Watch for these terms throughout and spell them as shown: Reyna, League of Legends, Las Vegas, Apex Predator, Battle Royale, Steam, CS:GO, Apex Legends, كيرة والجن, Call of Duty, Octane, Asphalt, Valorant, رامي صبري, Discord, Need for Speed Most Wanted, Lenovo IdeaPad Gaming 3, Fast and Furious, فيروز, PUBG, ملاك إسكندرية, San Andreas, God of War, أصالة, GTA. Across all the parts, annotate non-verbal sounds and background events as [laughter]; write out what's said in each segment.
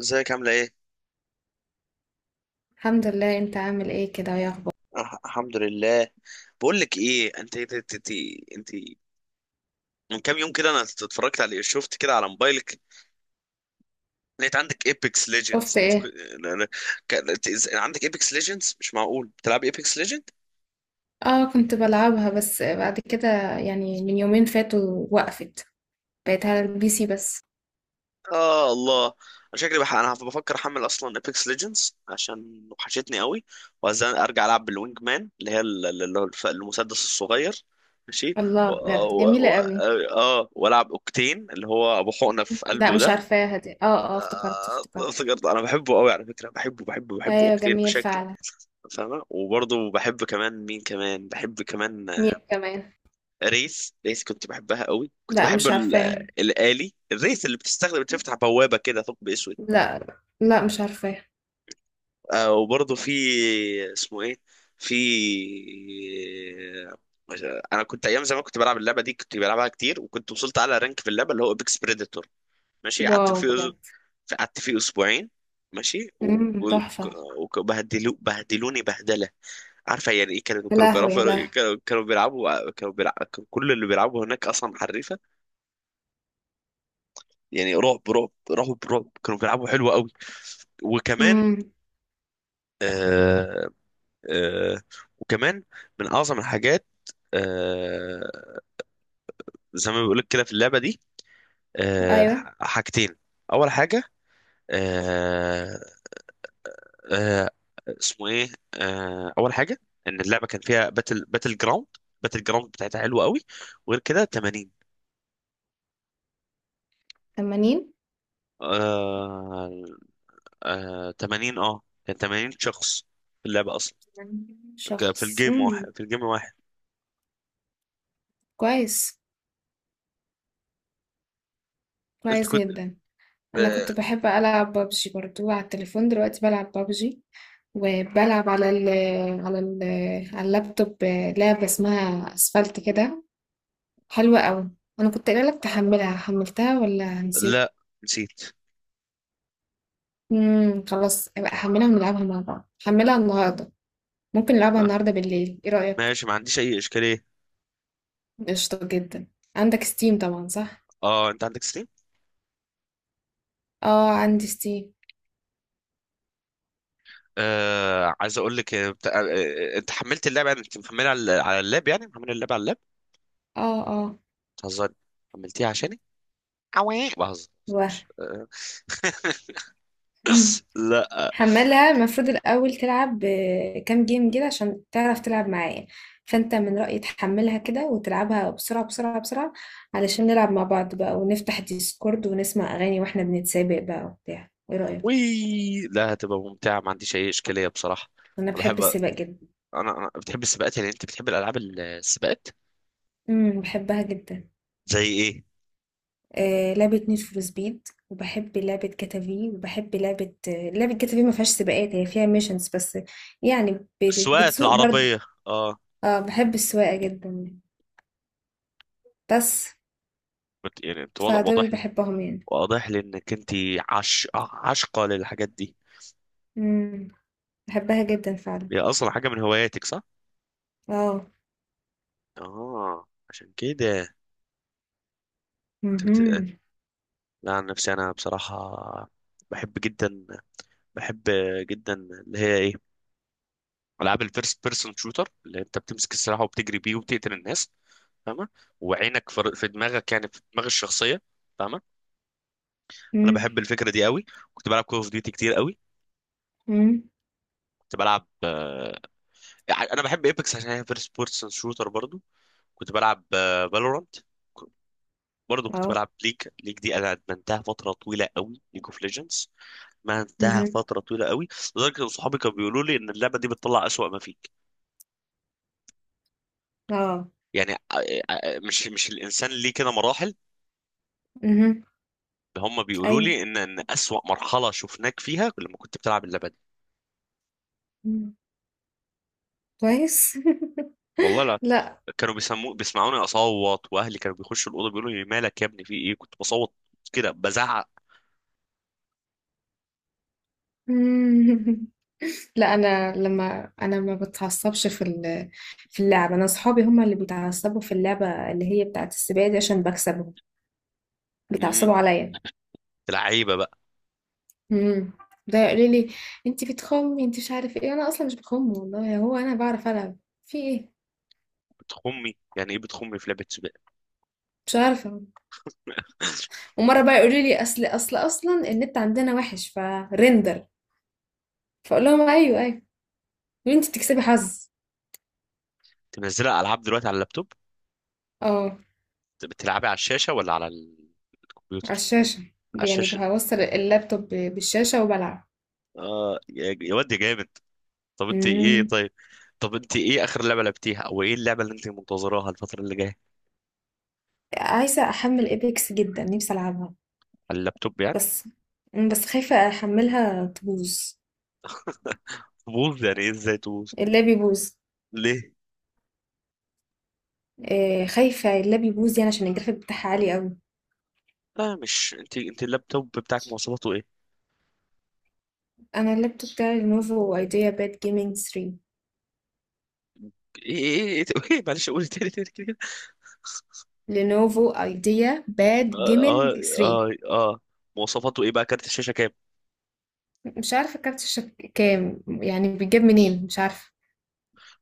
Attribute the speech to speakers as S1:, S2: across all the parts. S1: ازيك عامله ايه؟
S2: الحمد لله، انت عامل ايه كده يا اخبار؟
S1: أه الحمد لله. بقول لك ايه، انت انت من كام يوم كده انا اتفرجت على شفت كده على موبايلك، لقيت عندك ايبكس ليجندز.
S2: شفت
S1: انت كو-
S2: ايه؟
S1: لا- لا، ك... انت إز- عندك ايبكس ليجندز، مش معقول بتلعب ايبكس ليجند.
S2: اه، كنت بلعبها بس بعد كده يعني من يومين فاتوا وقفت. بقيت على البي سي بس.
S1: اه الله، انا شكلي انا بفكر احمل اصلا ايبكس ليجندز عشان وحشتني قوي، وعايز ارجع العب بالوينج مان اللي هي ال- ال- اللي هو المسدس الصغير. ماشي.
S2: الله،
S1: و...
S2: بجد
S1: و...
S2: جميلة
S1: و...
S2: قوي.
S1: اه آه، والعب اوكتين اللي هو ابو حقنه في
S2: لا،
S1: قلبه
S2: مش
S1: ده.
S2: عارفاها دي. اه اه، افتكرت افتكرت.
S1: افتكرت. انا بحبه قوي على فكره، بحبه
S2: ايوه،
S1: اوكتيل
S2: جميل
S1: بشكل،
S2: فعلا.
S1: فاهمه؟ وبرضه بحب كمان، مين كمان بحب كمان؟
S2: مين كمان؟
S1: ريس، كنت بحبها قوي، كنت
S2: لا،
S1: بحب
S2: مش
S1: ال- آه،
S2: عارفاها.
S1: الالي الريس اللي بتستخدم بتفتح بوابه كده ثقب اسود.
S2: لا. لا، مش عارفاها.
S1: وبرضه في، اسمه ايه، في، انا كنت ايام زمان كنت بلعب اللعبه دي، كنت بلعبها كتير، وكنت وصلت اعلى رانك في اللعبه اللي هو ابيكس بريديتور. ماشي. قعدت
S2: واو،
S1: فيه،
S2: بجد.
S1: قعدت فيه اسبوعين. ماشي.
S2: تحفة.
S1: بهدلوني بهدله. عارفه يعني ايه؟ كانوا
S2: يا
S1: كانوا
S2: لهوي يا
S1: بيعرفوا،
S2: لهوي.
S1: كانوا بيلعبوا، كانوا بيلعبوا، كان كل اللي بيلعبوا هناك اصلا حريفه. يعني رعب رعب، كانوا بيلعبوا حلو قوي. وكمان،
S2: امم.
S1: آه آه وكمان من اعظم الحاجات، آه زي ما بيقولك كده في اللعبه دي، آه
S2: ايوه،
S1: حاجتين. اول حاجه، آه اسمه ايه، اول حاجه ان اللعبه كان فيها باتل جراوند، باتل جراوند بتاعتها حلوه قوي. وغير كده 80،
S2: 80
S1: آه 80، اه كان 80 شخص في اللعبه اصلا. في
S2: شخص.
S1: الجيم واحد،
S2: امم.
S1: في الجيم واحد.
S2: كويس.
S1: انت
S2: كويس
S1: كنت،
S2: جدا. انا
S1: آه،
S2: كنت بحب العب بابجي برضو على التليفون، دلوقتي بلعب بابجي. وبلعب على ال على اللابتوب لعبة اسمها اسفلت كده. حلوة قوي. انا كنت قايله لك تحملها، حملتها ولا نسيت؟
S1: لا نسيت.
S2: خلاص، ابقى احملها ونلعبها مع بعض. حملها النهارده. ممكن نلعبها
S1: آه،
S2: النهارده بالليل، ايه رأيك؟
S1: ماشي، ما عنديش اي اشكاليه.
S2: قشطة جدا. عندك ستيم طبعا، صح؟
S1: اه، انت عندك ستيم.
S2: اه، عندي ستيم.
S1: آه، عايز اقول لك، انت حملت اللعبه، يعني انت محملها على على اللاب، يعني محمل اللعبه على اللاب؟
S2: اه اه
S1: بتهزري، حملتيها عشاني؟ عوي بهزر.
S2: واه.
S1: آه.
S2: [laughs]
S1: لا.
S2: حملها، المفروض الأول تلعب كام جيم كده عشان تعرف تلعب معايا. فأنت من رأيي تحملها كده وتلعبها بسرعة بسرعة بسرعة. علشان نلعب مع بعض بقى ونفتح ديسكورد ونسمع أغاني وإحنا بنتسابق بقى وبتاع، إيه رأيك؟
S1: وي، لا هتبقى ممتعة، ما عنديش أي إشكالية بصراحة.
S2: أنا
S1: أنا بحب،
S2: بحب السباق جدا.
S1: أنا بتحب السباقات، يعني أنت بتحب الألعاب السباقات؟
S2: بحبها جدا.
S1: زي إيه؟
S2: لعبة نيد فور سبيد وبحب لعبة جاتا. وبحب لعبة جاتا ما فيهاش سباقات، هي فيها ميشنز بس. يعني.
S1: السواقات
S2: بتسوق برضه.
S1: العربية؟ أه.
S2: اه، بحب السواقة جدا. بس.
S1: يعني أنت واضح،
S2: فدول اللي بحبهم يعني.
S1: واضح لي إنك أنت عش آه، عاشقة للحاجات دي.
S2: إمم، باحبها جدًا فعلًا.
S1: هي أصلا حاجة من هواياتك صح؟
S2: آه.
S1: أه عشان كده أنت
S2: اهم.
S1: لا، عن نفسي أنا بصراحة بحب جدا، بحب اللي هي إيه؟ ألعاب الفيرست بيرسون شوتر، اللي أنت بتمسك السلاح وبتجري بيه وبتقتل الناس، فاهمه؟ وعينك في في دماغك، يعني في دماغ الشخصيه، فاهمه؟ انا
S2: إمم.
S1: بحب الفكره دي قوي. كنت بلعب كول اوف ديوتي كتير قوي.
S2: إمم.
S1: كنت بلعب، يعني انا بحب ايبكس عشان هي فيرست بيرسون شوتر برضو. كنت بلعب فالورانت. برضو كنت
S2: آه.
S1: بلعب ليج، ليج دي انا ادمنتها فتره طويله قوي، ليج اوف ليجندز، ما انتهى
S2: اهم.
S1: فتره طويله قوي. لدرجه ان صحابي كانوا بيقولوا لي ان اللعبه دي بتطلع اسوأ ما فيك.
S2: آه.
S1: يعني مش الانسان ليه كده مراحل؟
S2: اهم.
S1: هم بيقولوا
S2: أيوه.
S1: لي ان اسوأ مرحله شفناك فيها لما كنت بتلعب اللعبه دي.
S2: إمم. كويس.
S1: والله لا،
S2: [laughs] لأ.
S1: كانوا بيسمعوني اصوت، واهلي كانوا بيخشوا الاوضه بيقولوا لي مالك يا ابني، في ايه؟ كنت بصوت كده، بزعق.
S2: إمم. لأ، أنا ما باتعصبش في في اللعبة. أنا أصحابي هم اللي بيتعصبوا في اللعبة اللي هي بتاعة السباق دي عشان باكسبهم.
S1: امم،
S2: بيتعصبوا عليَّ.
S1: لعيبه بقى.
S2: إمم. ده يقولوا لي: "أنتِ بتخمّي، أنتِ مش عارف إيه." أنا أصلًا مش باخُم والله، هو أنا باعرف ألعب. في إيه؟
S1: بتخمي يعني ايه بتخمي في لعبه سباق؟
S2: مش عارفة.
S1: [laughs]
S2: ومره بقى يقولوا لي اصلا النت عندنا وحش فريندر. فاقول لهم ايوه ايوه. يقولوا انت بتكسبي حظ.
S1: تنزلها العاب دلوقتي على اللابتوب؟
S2: اه.
S1: بتلعبي على الشاشه ولا على
S2: على
S1: الكمبيوتر؟
S2: الشاشه.
S1: على
S2: يعني
S1: الشاشه.
S2: بوصل اللابتوب بالشاشه وبلعب.
S1: اه يا يا واد يا جامد. طب انت ايه
S2: امم.
S1: طيب، طب انت ايه اخر لعبه لعبتيها، او ايه اللعبه اللي انت منتظراها الفتره اللي جايه؟
S2: عايزه احمل ايبكس جدا، نفسي العبها.
S1: على اللابتوب يعني؟
S2: بس. بس خايفه احملها تبوظ.
S1: تبوظ يعني ايه، ازاي تبوظ؟
S2: اللاب يبوظ.
S1: ليه؟
S2: خايفه اللاب يبوظ يعني عشان الجرافيك بتاعها عالي قوي.
S1: لا مش انت، انت اللابتوب بتاعك مواصفاته
S2: انا اللابتوب بتاعي لينوفو ايديا باد جيمنج 3.
S1: ايه؟ ايه ايه ايه، معلش قول تاني، تاني كده كده.
S2: لينوفو ايديا باد
S1: اه. اه
S2: جيمنج 3.
S1: اه آه. مواصفاته ايه بقى، كارت الشاشه كام؟
S2: مش عارفة كارت الشبكة كام، يعني بيجيب منين، مش عارفة.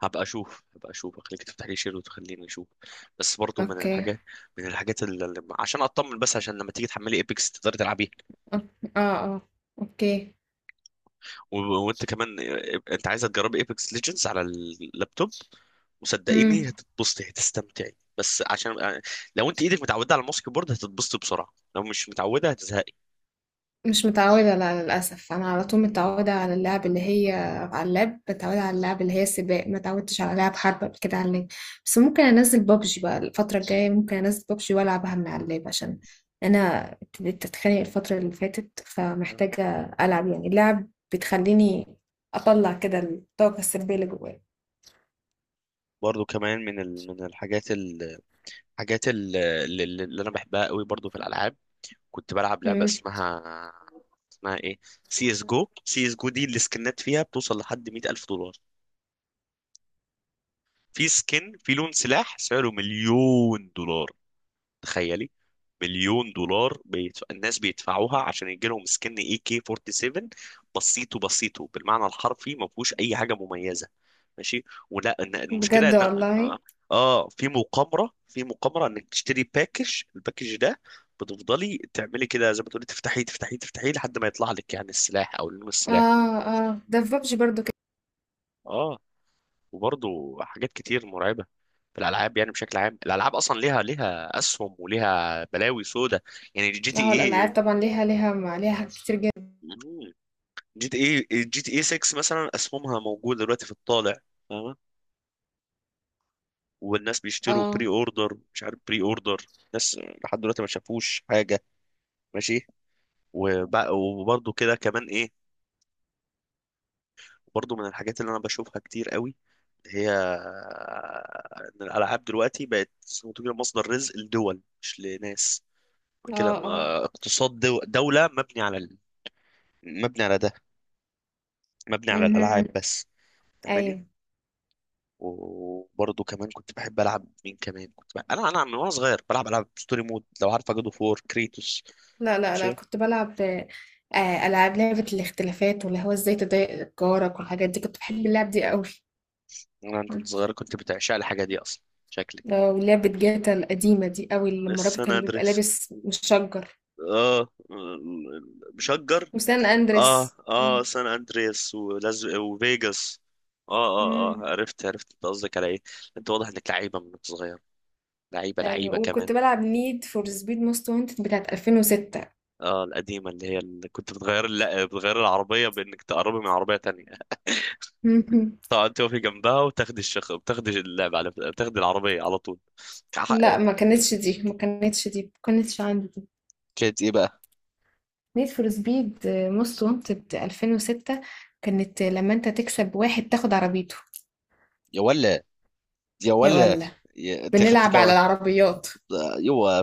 S1: هبقى اشوف، هبقى اشوف، اخليك تفتح لي شير وتخليني اشوف، بس برضو من
S2: اوكي.
S1: الحاجات، من الحاجات عشان اطمن بس، عشان لما تيجي تحملي ايبكس تقدري تلعبيها.
S2: اه اه، اوكي.
S1: وانت كمان، انت عايزه تجربي ايبكس ليجندز على اللابتوب،
S2: امم.
S1: وصدقيني هتتبسطي هتستمتعي، بس عشان لو انت ايدك متعوده على الماسك بورد هتتبسطي بسرعه، لو مش متعوده هتزهقي.
S2: مش متعودة، لا، للأسف، أنا على طول متعودة على اللعب اللي هي على اللاب، متعودة على اللعب اللي هي سباق. ما تعودتش على لعب حرب قبل كده على اللاب. بس ممكن أنزل بابجي بقى الفترة الجاية، ممكن أنزل بابجي وألعبها من على اللاب عشان أنا ابتديت أتخانق الفترة اللي فاتت، فمحتاجة ألعب يعني، اللعب بتخليني أطلع كده الطاقة السلبية اللي جوايا.
S1: برضو كمان من الحاجات، حاجات اللي انا بحبها قوي برضو في الالعاب، كنت بلعب لعبه
S2: امم
S1: اسمها، اسمها ايه، سي اس جو. سي اس جو دي السكنات فيها بتوصل لحد 100,000 دولار. في سكن، في لون سلاح سعره مليون دولار، تخيلي. مليون دولار الناس بيدفعوها عشان يجي لهم سكن اي كي 47، بسيطه، بسيطه بالمعنى الحرفي ما فيهوش اي حاجه مميزه. ماشي؟ ولا ان المشكله
S2: بجد
S1: ان، اه،
S2: والله.
S1: في مقامره، في مقامره انك تشتري باكج، الباكج ده بتفضلي تعملي كده زي ما تقولي، تفتحي لحد ما يطلع لك يعني السلاح او لون السلاح.
S2: اه اه، ده في بابجي برضو كده.
S1: اه. وبرضه حاجات كتير مرعبه في الالعاب، يعني بشكل عام الالعاب اصلا ليها، ليها اسهم وليها بلاوي سودة. يعني
S2: اه، الالعاب طبعا ليها حاجات كتير جدا.
S1: اي جي تي جي تي اي 6 مثلا اسهمها موجوده دلوقتي في الطالع، فاهمه؟ والناس بيشتروا
S2: اه
S1: بري اوردر، مش عارف بري اوردر، ناس لحد دلوقتي ما شافوش حاجه. ماشي؟ وبرضه كده كمان ايه، برضه من الحاجات اللي انا بشوفها كتير قوي، هي ان الالعاب دلوقتي بقت زي ما تقول مصدر رزق لدول، مش لناس
S2: اه
S1: كده.
S2: اه.
S1: ما اقتصاد دوله مبني مبني على ده، مبني على
S2: امم.
S1: الالعاب بس، فاهماني؟
S2: ايوه.
S1: وبرضه كمان كنت بحب العب، مين كمان كنت بحب، انا انا من وانا صغير بلعب العاب ستوري مود، لو عارفه جادو فور كريتوس.
S2: لا لا لا،
S1: شيء.
S2: كنت بلعب لعبه الاختلافات واللي هو ازاي تضايق جارك والحاجات دي، كنت بحب اللعب دي قوي.
S1: انا انت صغير كنت بتعشق الحاجه دي اصلا، شكلك.
S2: ولعبه جاتا القديمه دي قوي لما الراجل
S1: سان
S2: كان بيبقى
S1: اندريس،
S2: لابس مشجر.
S1: اه، مشجر.
S2: وسان
S1: اه
S2: اندريس، آه.
S1: اه سان اندريس وفيجاس.
S2: امم.
S1: اه عرفت، عرفت انت قصدك على ايه. انت واضح انك لعيبه من وأنت صغير، لعيبه
S2: ايوه،
S1: لعيبه كمان.
S2: وكنت بلعب نيد فور سبيد موست وانتد بتاعت 2006.
S1: اه، القديمه اللي هي اللي كنت بتغير، لا بتغير العربيه بانك تقربي من عربيه تانية،
S2: [laughs]
S1: طبعا توفي جنبها وتاخدي الشخ، بتاخدي العربية على طول. كح-
S2: لا، ما كانتش دي، ما كانتش دي، ما كانتش عندي دي.
S1: كانت ايه بقى؟
S2: نيد فور سبيد موست وانتد 2006. كانت لما انت تكسب واحد تاخد عربيته.
S1: يا ولا، يا
S2: يا
S1: ولا،
S2: ولا!
S1: انت خدت
S2: بنلعب على
S1: كمان؟
S2: العربيات.
S1: يوا،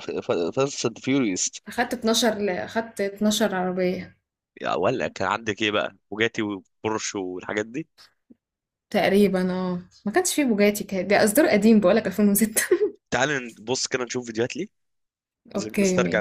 S1: فاست اند فيوريوس.
S2: اخدت 12 عربية.
S1: يا ولا، كان عندك ايه بقى، بوجاتي وبورش والحاجات دي؟
S2: تقريبا، اه، ما كانش فيه بوجاتي كده، ده اصدار قديم بقولك 2006.
S1: تعال نبص كده نشوف فيديوهات ليه،
S2: [laughs] اوكي
S1: نسترجع.
S2: ماشي.